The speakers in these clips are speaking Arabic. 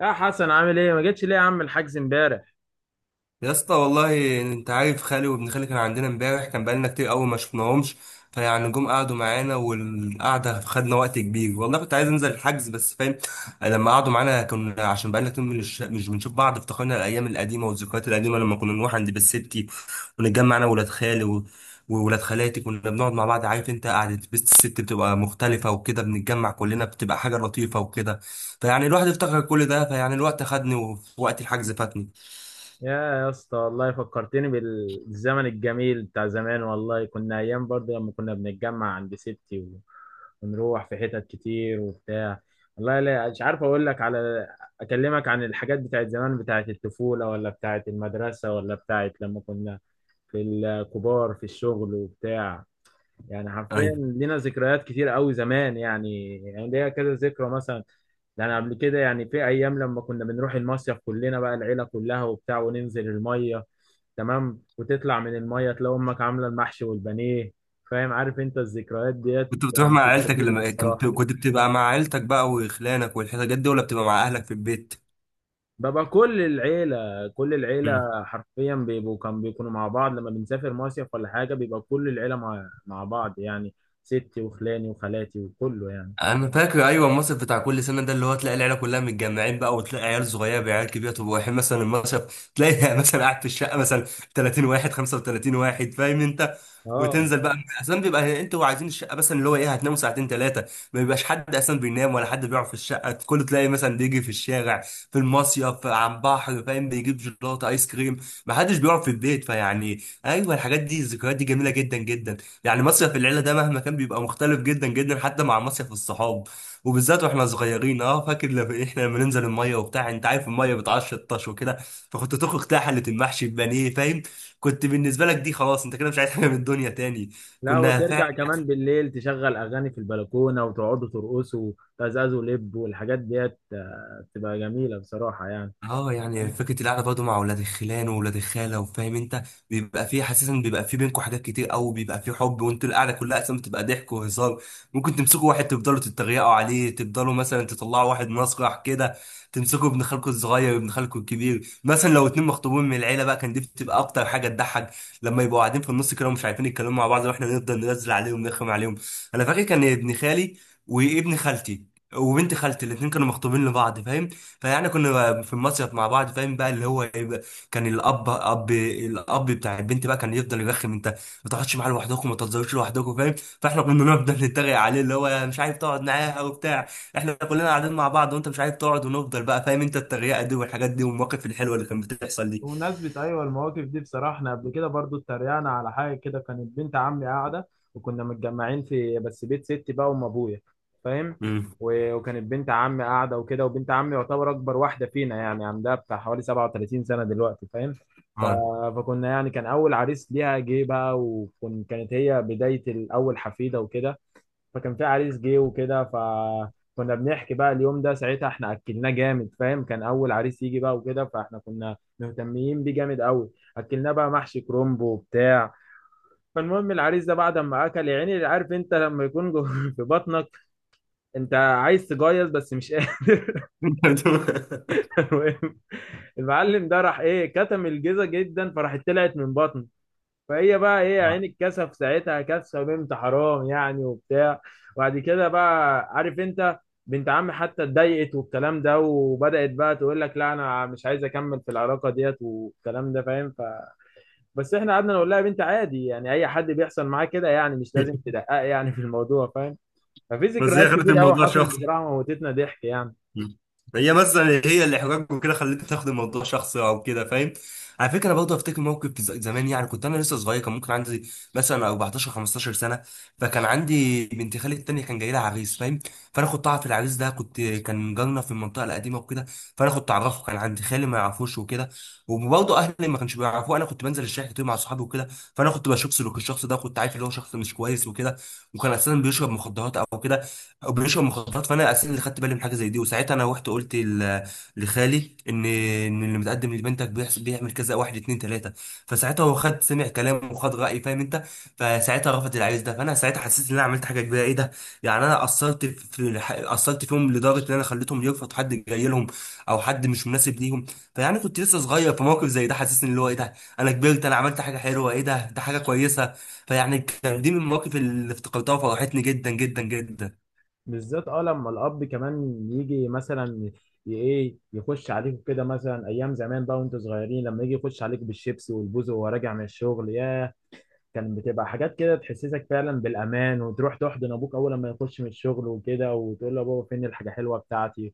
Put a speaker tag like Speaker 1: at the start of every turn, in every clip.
Speaker 1: يا حسن، عامل ايه؟ ما جيتش ليه يا عم الحجز امبارح؟
Speaker 2: يا اسطى، والله انت عارف خالي وابن خالي كان عندنا امبارح. كان بقالنا كتير قوي ما شفناهمش. فيعني جم قعدوا معانا والقعده خدنا وقت كبير، والله كنت عايز انزل الحجز بس فاهم لما قعدوا معانا كنا، عشان بقالنا كتير مش بنشوف بعض، افتكرنا الايام القديمه والذكريات القديمه لما كنا نروح عند بيت ستي ونتجمع انا وولاد خالي وولاد خالاتي. كنا بنقعد مع بعض، عارف انت قعده بيت الست بتبقى مختلفه وكده، بنتجمع كلنا بتبقى حاجه لطيفه وكده. فيعني الواحد افتكر كل ده، فيعني الوقت خدني ووقت الحجز فاتني.
Speaker 1: يا اسطى، والله فكرتني بالزمن الجميل بتاع زمان. والله كنا ايام، برضه لما كنا بنتجمع عند ستي ونروح في حتت كتير وبتاع. والله لا، مش عارف اقول لك على، اكلمك عن الحاجات بتاعت زمان، بتاعت الطفولة، ولا بتاعت المدرسة، ولا بتاعت لما كنا في الكبار في الشغل وبتاع. يعني حرفيا
Speaker 2: ايوه،
Speaker 1: لينا ذكريات كتير قوي زمان، يعني ليا كذا ذكرى مثلا. يعني قبل كده، يعني في ايام لما كنا بنروح المصيف كلنا بقى، العيله كلها وبتاع، وننزل الميه. تمام، وتطلع من الميه تلاقي امك عامله المحشي والبانيه. فاهم؟ عارف انت الذكريات ديت
Speaker 2: كنت بتروح
Speaker 1: يعني
Speaker 2: مع عيلتك
Speaker 1: كتير
Speaker 2: لما كنت
Speaker 1: بصراحه.
Speaker 2: كنت بتبقى مع عيلتك بقى وخلانك والحاجات دي، ولا بتبقى مع اهلك في البيت؟
Speaker 1: ببقى كل العيله، كل العيله حرفيا بيبقوا، كان بيكونوا مع بعض لما بنسافر مصيف ولا حاجه. بيبقى كل العيله مع بعض يعني، ستي وخلاني وخالاتي وكله يعني.
Speaker 2: انا فاكر، ايوه المصيف بتاع كل سنه ده اللي هو تلاقي العيله كلها متجمعين بقى، وتلاقي عيال صغيره بعيال كبيره. طب واحد مثلا المصيف تلاقي مثلا قاعد في الشقه مثلا 30 واحد 35 واحد، فاهم انت.
Speaker 1: اه،
Speaker 2: وتنزل بقى، اصلا بيبقى انتوا عايزين الشقه مثلا اللي هو ايه، هتناموا ساعتين ثلاثه. ما بيبقاش حد اصلا بينام ولا حد بيقعد في الشقه، كله تلاقي مثلا بيجي في الشارع، في المصيف على البحر، فاهم، بيجيب جيلاتي ايس كريم. ما حدش بيقعد في البيت. فيعني ايوه، الحاجات دي الذكريات دي جميله جدا جدا. يعني مصيف العيله ده مهما كان بيبقى مختلف جدا جدا، حتى مع مصيف الصحاب. وبالذات واحنا صغيرين، اه فاكر لما احنا لما ننزل الميه وبتاع، انت عارف الميه بتعشر طش وكده. فكنت تخرج تلاقي حله المحشي البانيه، فاهم. كنت بالنسبه لك دي خلاص انت كده مش عايز حاجه من الدنيا تاني.
Speaker 1: لا
Speaker 2: كنا فعلا.
Speaker 1: وترجع كمان بالليل تشغل اغاني في البلكونه وتقعدوا ترقصوا وتزازوا لب والحاجات ديت. بتبقى جميله بصراحه يعني.
Speaker 2: اه، يعني فكره القعده برضه مع اولاد الخلان واولاد الخاله، وفاهم انت بيبقى فيه حاسس، بيبقى فيه بينكم حاجات كتير قوي، بيبقى فيه حب. وانتوا القعده كلها اصلا بتبقى ضحك وهزار، ممكن تمسكوا واحد تفضلوا تتريقوا عليه، تفضلوا مثلا تطلعوا واحد مسرح كده، تمسكوا ابن خالكم الصغير وابن خالكم الكبير. مثلا لو اتنين مخطوبين من العيله بقى كان دي بتبقى اكتر حاجه تضحك، لما يبقوا قاعدين في النص كده ومش عارفين يتكلموا مع بعض، واحنا نفضل ننزل عليهم نرخم عليهم. انا فاكر كان ابن خالي وابن خالتي وبنت خالتي الاتنين كانوا مخطوبين لبعض، فاهم. فيعني كنا في المصيف مع بعض، فاهم بقى اللي هو إيه بقى، كان الاب بتاع البنت بقى كان يفضل يرخم. انت ما تقعدش معاه لوحدكم، ما تهزروش لوحدكم، فاهم. فاحنا كنا نفضل نتريق عليه، اللي هو مش عارف تقعد معاها وبتاع، احنا كلنا قاعدين مع بعض وانت مش عارف تقعد. ونفضل بقى، فاهم انت التريقه دي والحاجات دي والمواقف الحلوه اللي كانت بتحصل دي.
Speaker 1: بمناسبة أيوة المواقف دي بصراحة، إحنا قبل كده برضو اتريقنا على حاجة كده. كانت بنت عمي قاعدة، وكنا متجمعين في بس بيت ستي بقى، وأم أبويا، فاهم؟
Speaker 2: امم.
Speaker 1: وكانت بنت عمي قاعدة وكده، وبنت عمي يعتبر أكبر واحدة فينا، يعني عندها بتاع حوالي 37 سنة دلوقتي، فاهم؟ ف...
Speaker 2: اه.
Speaker 1: فكنا يعني كان أول عريس ليها جه بقى، وكانت هي بداية الأول حفيدة وكده. فكان في عريس جه وكده، فكنا بنحكي بقى اليوم ده ساعتها احنا اكلناه جامد، فاهم؟ كان اول عريس يجي بقى وكده، فاحنا كنا مهتمين بيه جامد قوي. اكلناه بقى محشي كرنب وبتاع. فالمهم العريس ده بعد ما اكل، يا عيني عارف انت لما يكون في بطنك، انت عايز تجيز بس مش قادر. المهم، المعلم ده راح ايه كتم الجيزه جدا، فراحت طلعت من بطنه. فهي بقى ايه يا عيني الكسف ساعتها، كسفه بنت حرام يعني وبتاع. وبعد كده بقى عارف انت، بنت عمي حتى اتضايقت والكلام ده، وبدأت بقى تقول لك لا انا مش عايز اكمل في العلاقه ديت والكلام ده، فاهم؟ بس احنا قعدنا نقول لها يا بنت عادي، يعني اي حد بيحصل معاه كده يعني، مش لازم تدقق يعني في الموضوع، فاهم؟ ففي
Speaker 2: بس
Speaker 1: ذكريات
Speaker 2: هي خدت
Speaker 1: كتير قوي
Speaker 2: الموضوع
Speaker 1: حصلت
Speaker 2: شخصي.
Speaker 1: بصراحه، موتتنا ضحك يعني.
Speaker 2: مم. هي مثلا هي اللي احراج وكده خلتني تاخد الموضوع شخصي او كده، فاهم. على فكره برضه افتكر موقف في زمان. يعني كنت انا لسه صغير، كان ممكن عندي مثلا 14 15 سنه. فكان عندي بنت خالي التانيه كان جاي لها عريس، فاهم. فانا كنت اعرف العريس ده، كنت كان جارنا في المنطقه القديمه وكده. فانا كنت اعرفه، كان عندي خالي ما يعرفوش وكده، وبرضه اهلي ما كانش بيعرفوه. انا كنت بنزل الشارع كتير مع صحابي وكده، فانا كنت بشوف سلوك الشخص ده، كنت عارف اللي هو شخص مش كويس وكده. وكان اساسا بيشرب مخدرات او كده، او بيشرب مخدرات. فانا اساسا اللي خدت بالي من حاجه زي دي، وساعتها انا رحت قلت لخالي ان اللي متقدم لبنتك بيحصل بيعمل كذا، واحد اتنين تلاته. فساعتها هو خد سمع كلامه وخد رايي، فاهم انت. فساعتها رفض العريس ده، فانا ساعتها حسيت ان انا عملت حاجه كبيره، ايه ده. يعني انا قصرت في، قصرت فيهم لدرجه ان انا خليتهم يرفض حد جاي لهم، او حد مش مناسب ليهم. فيعني كنت لسه صغير، في موقف زي ده حسسني اللي هو ايه ده، انا كبرت، انا عملت حاجه حلوه، ايه ده، ده حاجه كويسه. فيعني كان دي من المواقف اللي افتكرتها وفرحتني جدا جدا جدا.
Speaker 1: بالذات اه لما الاب كمان يجي مثلا ايه يخش عليكم كده، مثلا ايام زمان بقى وانتوا صغيرين، لما يجي يخش عليك بالشيبسي والبوز وهو راجع من الشغل، ياه كان بتبقى حاجات كده تحسسك فعلا بالامان، وتروح تحضن ابوك اول لما يخش من الشغل وكده، وتقول له يا بابا فين الحاجه حلوه بتاعتي.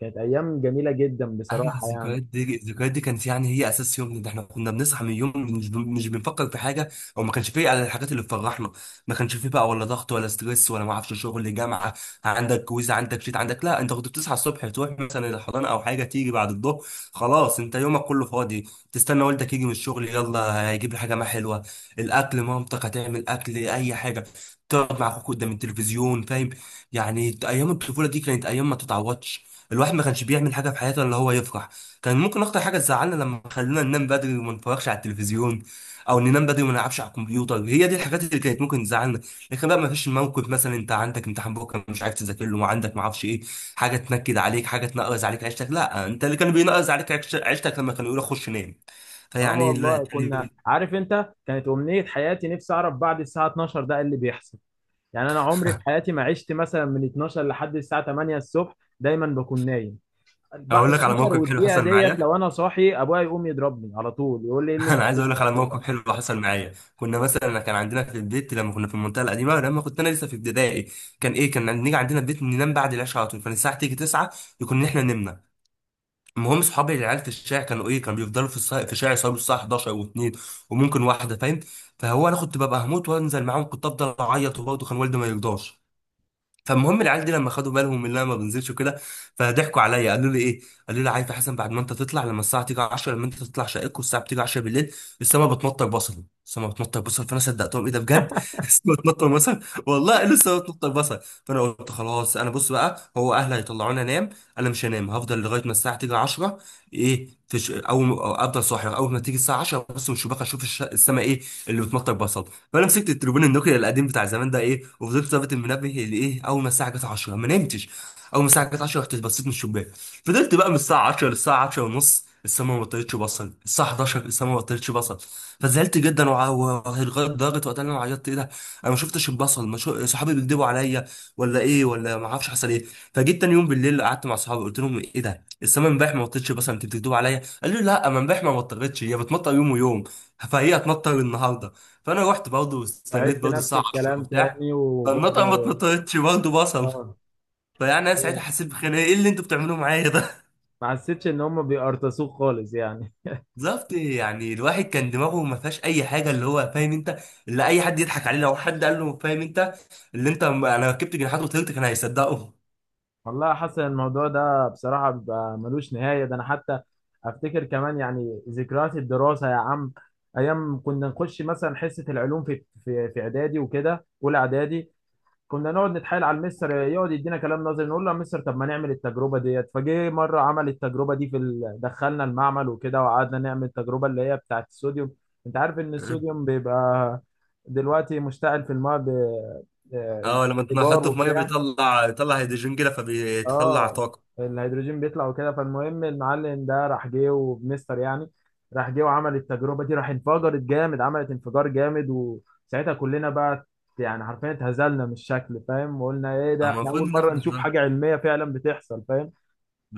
Speaker 1: كانت ايام جميله جدا
Speaker 2: ايوه
Speaker 1: بصراحه يعني.
Speaker 2: الذكريات دي، الذكريات دي كانت يعني هي اساس يومنا ده. احنا كنا بنصحى من اليوم مش بنفكر في حاجه، او ما كانش فيه، على الحاجات اللي بتفرحنا. ما كانش فيه بقى ولا ضغط ولا ستريس ولا ما اعرفش شغل جامعه، عندك كويز عندك شيت عندك، لا. انت كنت بتصحى الصبح تروح مثلا الحضانه او حاجه، تيجي بعد الظهر خلاص انت يومك كله فاضي. تستنى والدك يجي من الشغل، يلا هيجيب لي حاجه ما حلوه، الاكل مامتك هتعمل اكل اي حاجه، تقعد مع اخوك قدام التلفزيون، فاهم. يعني ايام الطفوله دي كانت ايام ما تتعوضش. الواحد ما كانش بيعمل حاجه في حياته الا هو يفرح. كان ممكن اكتر حاجه تزعلنا لما خلونا ننام بدري وما نتفرجش على التلفزيون، او ننام بدري وما نلعبش على الكمبيوتر. هي دي الحاجات اللي كانت ممكن تزعلنا. لكن بقى ما فيش موقف مثلا انت عندك امتحان بكره مش عارف تذاكر له، وعندك ما اعرفش ايه، حاجه تنكد عليك، حاجه تنقرز عليك عيشتك. لا، انت اللي كان بينقرز عليك عيشتك لما كانوا يقولوا خش نام.
Speaker 1: اه
Speaker 2: فيعني لا
Speaker 1: والله، كنا
Speaker 2: يعني.
Speaker 1: عارف انت كانت امنيه حياتي نفسي اعرف بعد الساعه 12 ده إيه اللي بيحصل. يعني انا عمري في حياتي ما عشت مثلا من 12 لحد الساعه 8 الصبح، دايما بكون نايم. بقى
Speaker 2: اقول لك على
Speaker 1: 12
Speaker 2: موقف حلو
Speaker 1: والدقيقه
Speaker 2: حصل معايا،
Speaker 1: ديت لو انا صاحي ابويا يقوم يضربني على طول، يقول لي ايه اللي انت
Speaker 2: انا عايز اقول
Speaker 1: بتعمله
Speaker 2: لك على
Speaker 1: لحد
Speaker 2: موقف
Speaker 1: دلوقتي.
Speaker 2: حلو حصل معايا. كنا مثلا كان عندنا في البيت لما كنا في المنطقه القديمه، لما كنت انا لسه في ابتدائي، كان ايه، كان نيجي عندنا البيت ننام بعد العشاء على طول. فالساعه تيجي 9 يكون احنا نمنا. المهم صحابي العيال في الشارع كانوا ايه، كانوا بيفضلوا في في الشارع يصلوا الساعه 11 و2، وممكن واحده، فاهم. فهو انا كنت ببقى هموت وانزل معاهم، كنت افضل اعيط، وبرضه كان والدي ما يرضاش. فالمهم العيال دي لما خدوا بالهم ان انا ما بنزلش وكده، فضحكوا عليا قالوا لي ايه، قالوا لي عارف يا حسن، بعد ما انت تطلع، لما الساعه تيجي 10، لما انت تطلع شقتك والساعه بتيجي 10 بالليل، السما بتمطر بصل، السما بتمطر بصل. فانا صدقتهم، ايه ده بجد؟ السما بتمطر بصل. والله قالوا السما بتمطر بصل. فانا قلت خلاص، انا بص بقى، هو اهلي هيطلعوني انام، انا مش هنام، هفضل لغايه ما الساعه تيجي 10. ايه، في اول ما- افضل صاحي اول ما تيجي الساعه 10 بص من الشباك اشوف السما ايه اللي بتمطر بصل. فانا مسكت التليفون النوكيا القديم بتاع زمان ده ايه، وفضلت ظابط المنبه لايه، اول ما الساعه جت 10 ما نمتش. اول ما الساعه جت 10 رحت بصيت من الشباك. فضلت بقى من الساعه 10 للساعه 10 ونص، السما ما طلعتش بصل، الساعه 11 السما ما طلعتش بصل. فزعلت جدا لغايه درجه وقتها اللي انا عيطت، ايه ده، انا ما شفتش البصل، ما شو... صحابي بيكدبوا عليا، ولا ايه ولا ما اعرفش حصل ايه. فجيت تاني يوم بالليل قعدت مع صحابي قلت لهم ايه ده، السما امبارح ما طلعتش بصل، انت بتكدبوا عليا. قالوا لي لا، ما امبارح ما مطرتش، هي بتمطر يوم ويوم، فهي هتمطر النهارده. فانا رحت برضه واستنيت
Speaker 1: فعبت
Speaker 2: برضه
Speaker 1: نفس
Speaker 2: الساعه 10
Speaker 1: الكلام
Speaker 2: وبتاع.
Speaker 1: تاني
Speaker 2: فالمطعم ما
Speaker 1: وبرضه
Speaker 2: اتمطرتش برضه بصل.
Speaker 1: اه.
Speaker 2: فيعني انا ساعتها
Speaker 1: أيوة.
Speaker 2: حسيت بخناقه، ايه اللي انتوا بتعملوه معايا ده.
Speaker 1: ما حسيتش ان هم بيقرطسوك خالص يعني.
Speaker 2: بالظبط، يعني الواحد كان دماغه ما فيهاش اي حاجه، اللي هو فاهم انت، اللي اي حد يضحك عليه لو حد قال له فاهم انت، اللي انت انا ركبت جناحات وطيرت كان هيصدقه.
Speaker 1: والله حاسس ان الموضوع ده بصراحه بيبقى ملوش نهايه، ده انا حتى افتكر كمان يعني ذكريات الدراسه يا عم. ايام كنا نخش مثلا حصه العلوم في اعدادي وكده، اولى اعدادي. كنا نقعد نتحايل على المستر يقعد يدينا كلام نظري، نقول له يا مستر طب ما نعمل التجربه ديت. فجه مره عمل التجربه دي دخلنا المعمل وكده وقعدنا نعمل التجربه اللي هي بتاعت الصوديوم. انت عارف ان الصوديوم بيبقى دلوقتي مشتعل في الماء آه،
Speaker 2: اه لما
Speaker 1: ايجار
Speaker 2: تنحطه في ميه
Speaker 1: وبتاع.
Speaker 2: بيطلع، يطلع هيدروجين كده فبيطلع
Speaker 1: اه،
Speaker 2: طاقه.
Speaker 1: الهيدروجين بيطلع وكده. فالمهم المعلم ده راح جه وبنستر يعني. راح جه وعمل التجربه دي، راح انفجرت جامد، عملت انفجار جامد، وساعتها كلنا بقى يعني حرفيا اتهزلنا من الشكل، فاهم؟ وقلنا ايه ده، احنا
Speaker 2: المفروض
Speaker 1: اول مره
Speaker 2: ناخد،
Speaker 1: نشوف حاجه علميه فعلا بتحصل، فاهم؟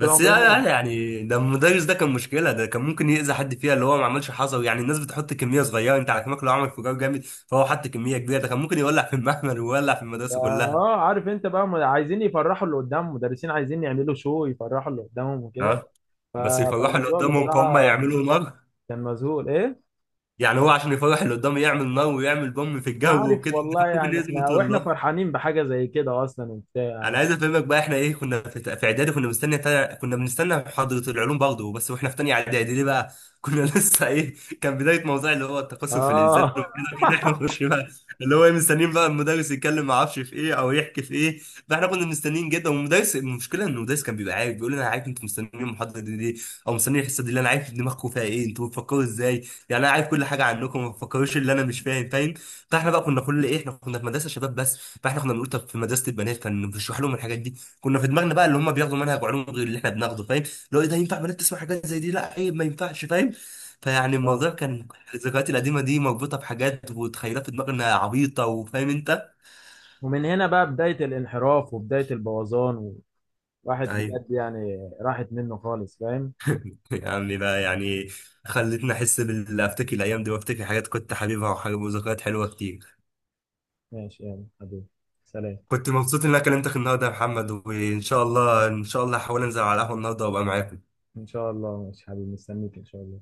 Speaker 1: طول
Speaker 2: لا
Speaker 1: عمرنا
Speaker 2: لا لا، يعني ده المدرس ده كان مشكله، ده كان ممكن يأذي حد فيها، اللي هو ما عملش حصوي، يعني الناس بتحط كميه صغيره انت على كمك لو عمل انفجار جامد، فهو حط كميه كبيره، ده كان ممكن يولع في المعمل ويولع في المدرسه كلها.
Speaker 1: اه عارف انت بقى عايزين يفرحوا اللي قدامهم، مدرسين عايزين يعملوا شو يفرحوا اللي قدامهم وكده.
Speaker 2: اه بس يفرحوا اللي
Speaker 1: فالموضوع
Speaker 2: قدامهم فهم
Speaker 1: بصراحه
Speaker 2: يعملوا نار.
Speaker 1: كان مذهول ايه.
Speaker 2: يعني هو عشان يفرح اللي قدامه يعمل نار ويعمل بوم في
Speaker 1: انا
Speaker 2: الجو
Speaker 1: عارف
Speaker 2: وكده، ده
Speaker 1: والله،
Speaker 2: كان ممكن
Speaker 1: يعني
Speaker 2: يأذي
Speaker 1: احنا واحنا
Speaker 2: الطلاب.
Speaker 1: فرحانين بحاجه زي كده اصلا وبتاع.
Speaker 2: انا عايز افهمك بقى، احنا ايه كنا في اعدادي كنا كنا بنستنى محاضره العلوم برضه، بس واحنا في تانية اعدادي ليه بقى، كنا لسه ايه، كان بدايه موضوع اللي هو التقصف في الانسان
Speaker 1: اه
Speaker 2: وكده كده احنا مش بقى اللي هو إيه مستنيين بقى المدرس يتكلم ما اعرفش في ايه او يحكي في ايه. فاحنا كنا مستنيين جدا، والمدرس المشكله ان المدرس كان بيبقى عارف، بيقول لنا انا عارف انتوا مستنيين المحاضره دي ليه، او مستنيين الحصه دي، اللي انا عارف دماغكم فيها ايه، انتوا بتفكروا ازاي، يعني انا عارف كل حاجه عنكم، ما تفكروش اللي انا مش فاهم، فاهم. فاحنا بقى كنا كل ايه، احنا كنا في مدرسه شباب بس، فاحنا كنا بنقول طب في مدرسه البنات كان بيشرح لهم الحاجات دي. كنا في دماغنا بقى اللي هم بياخدوا منهج علوم غير اللي احنا بناخده، فاهم. لو ايه ده ينفع بنات تسمع حاجات زي دي، لا ايه ما ينفعش، فاهم. فيعني
Speaker 1: اه.
Speaker 2: الموضوع كان، الذكريات القديمه دي مربوطه بحاجات وتخيلات في دماغنا عبيطه، وفاهم انت.
Speaker 1: ومن هنا بقى بداية الانحراف وبداية البوظان، وواحد
Speaker 2: ايوه،
Speaker 1: بجد يعني راحت منه خالص، فاهم؟
Speaker 2: يعني بقى يعني خلتني احس بال، افتكر الايام دي وافتكر حاجات كنت حبيبها وحاجات وذكريات حلوه كتير.
Speaker 1: ماشي يلا حبيبي، سلام.
Speaker 2: كنت مبسوط ان انا كلمتك النهارده يا محمد، وان شاء الله ان شاء الله هحاول انزل على القهوه النهارده وابقى معاك.
Speaker 1: ان شاء الله، ماشي حبيبي، مستنيك ان شاء الله.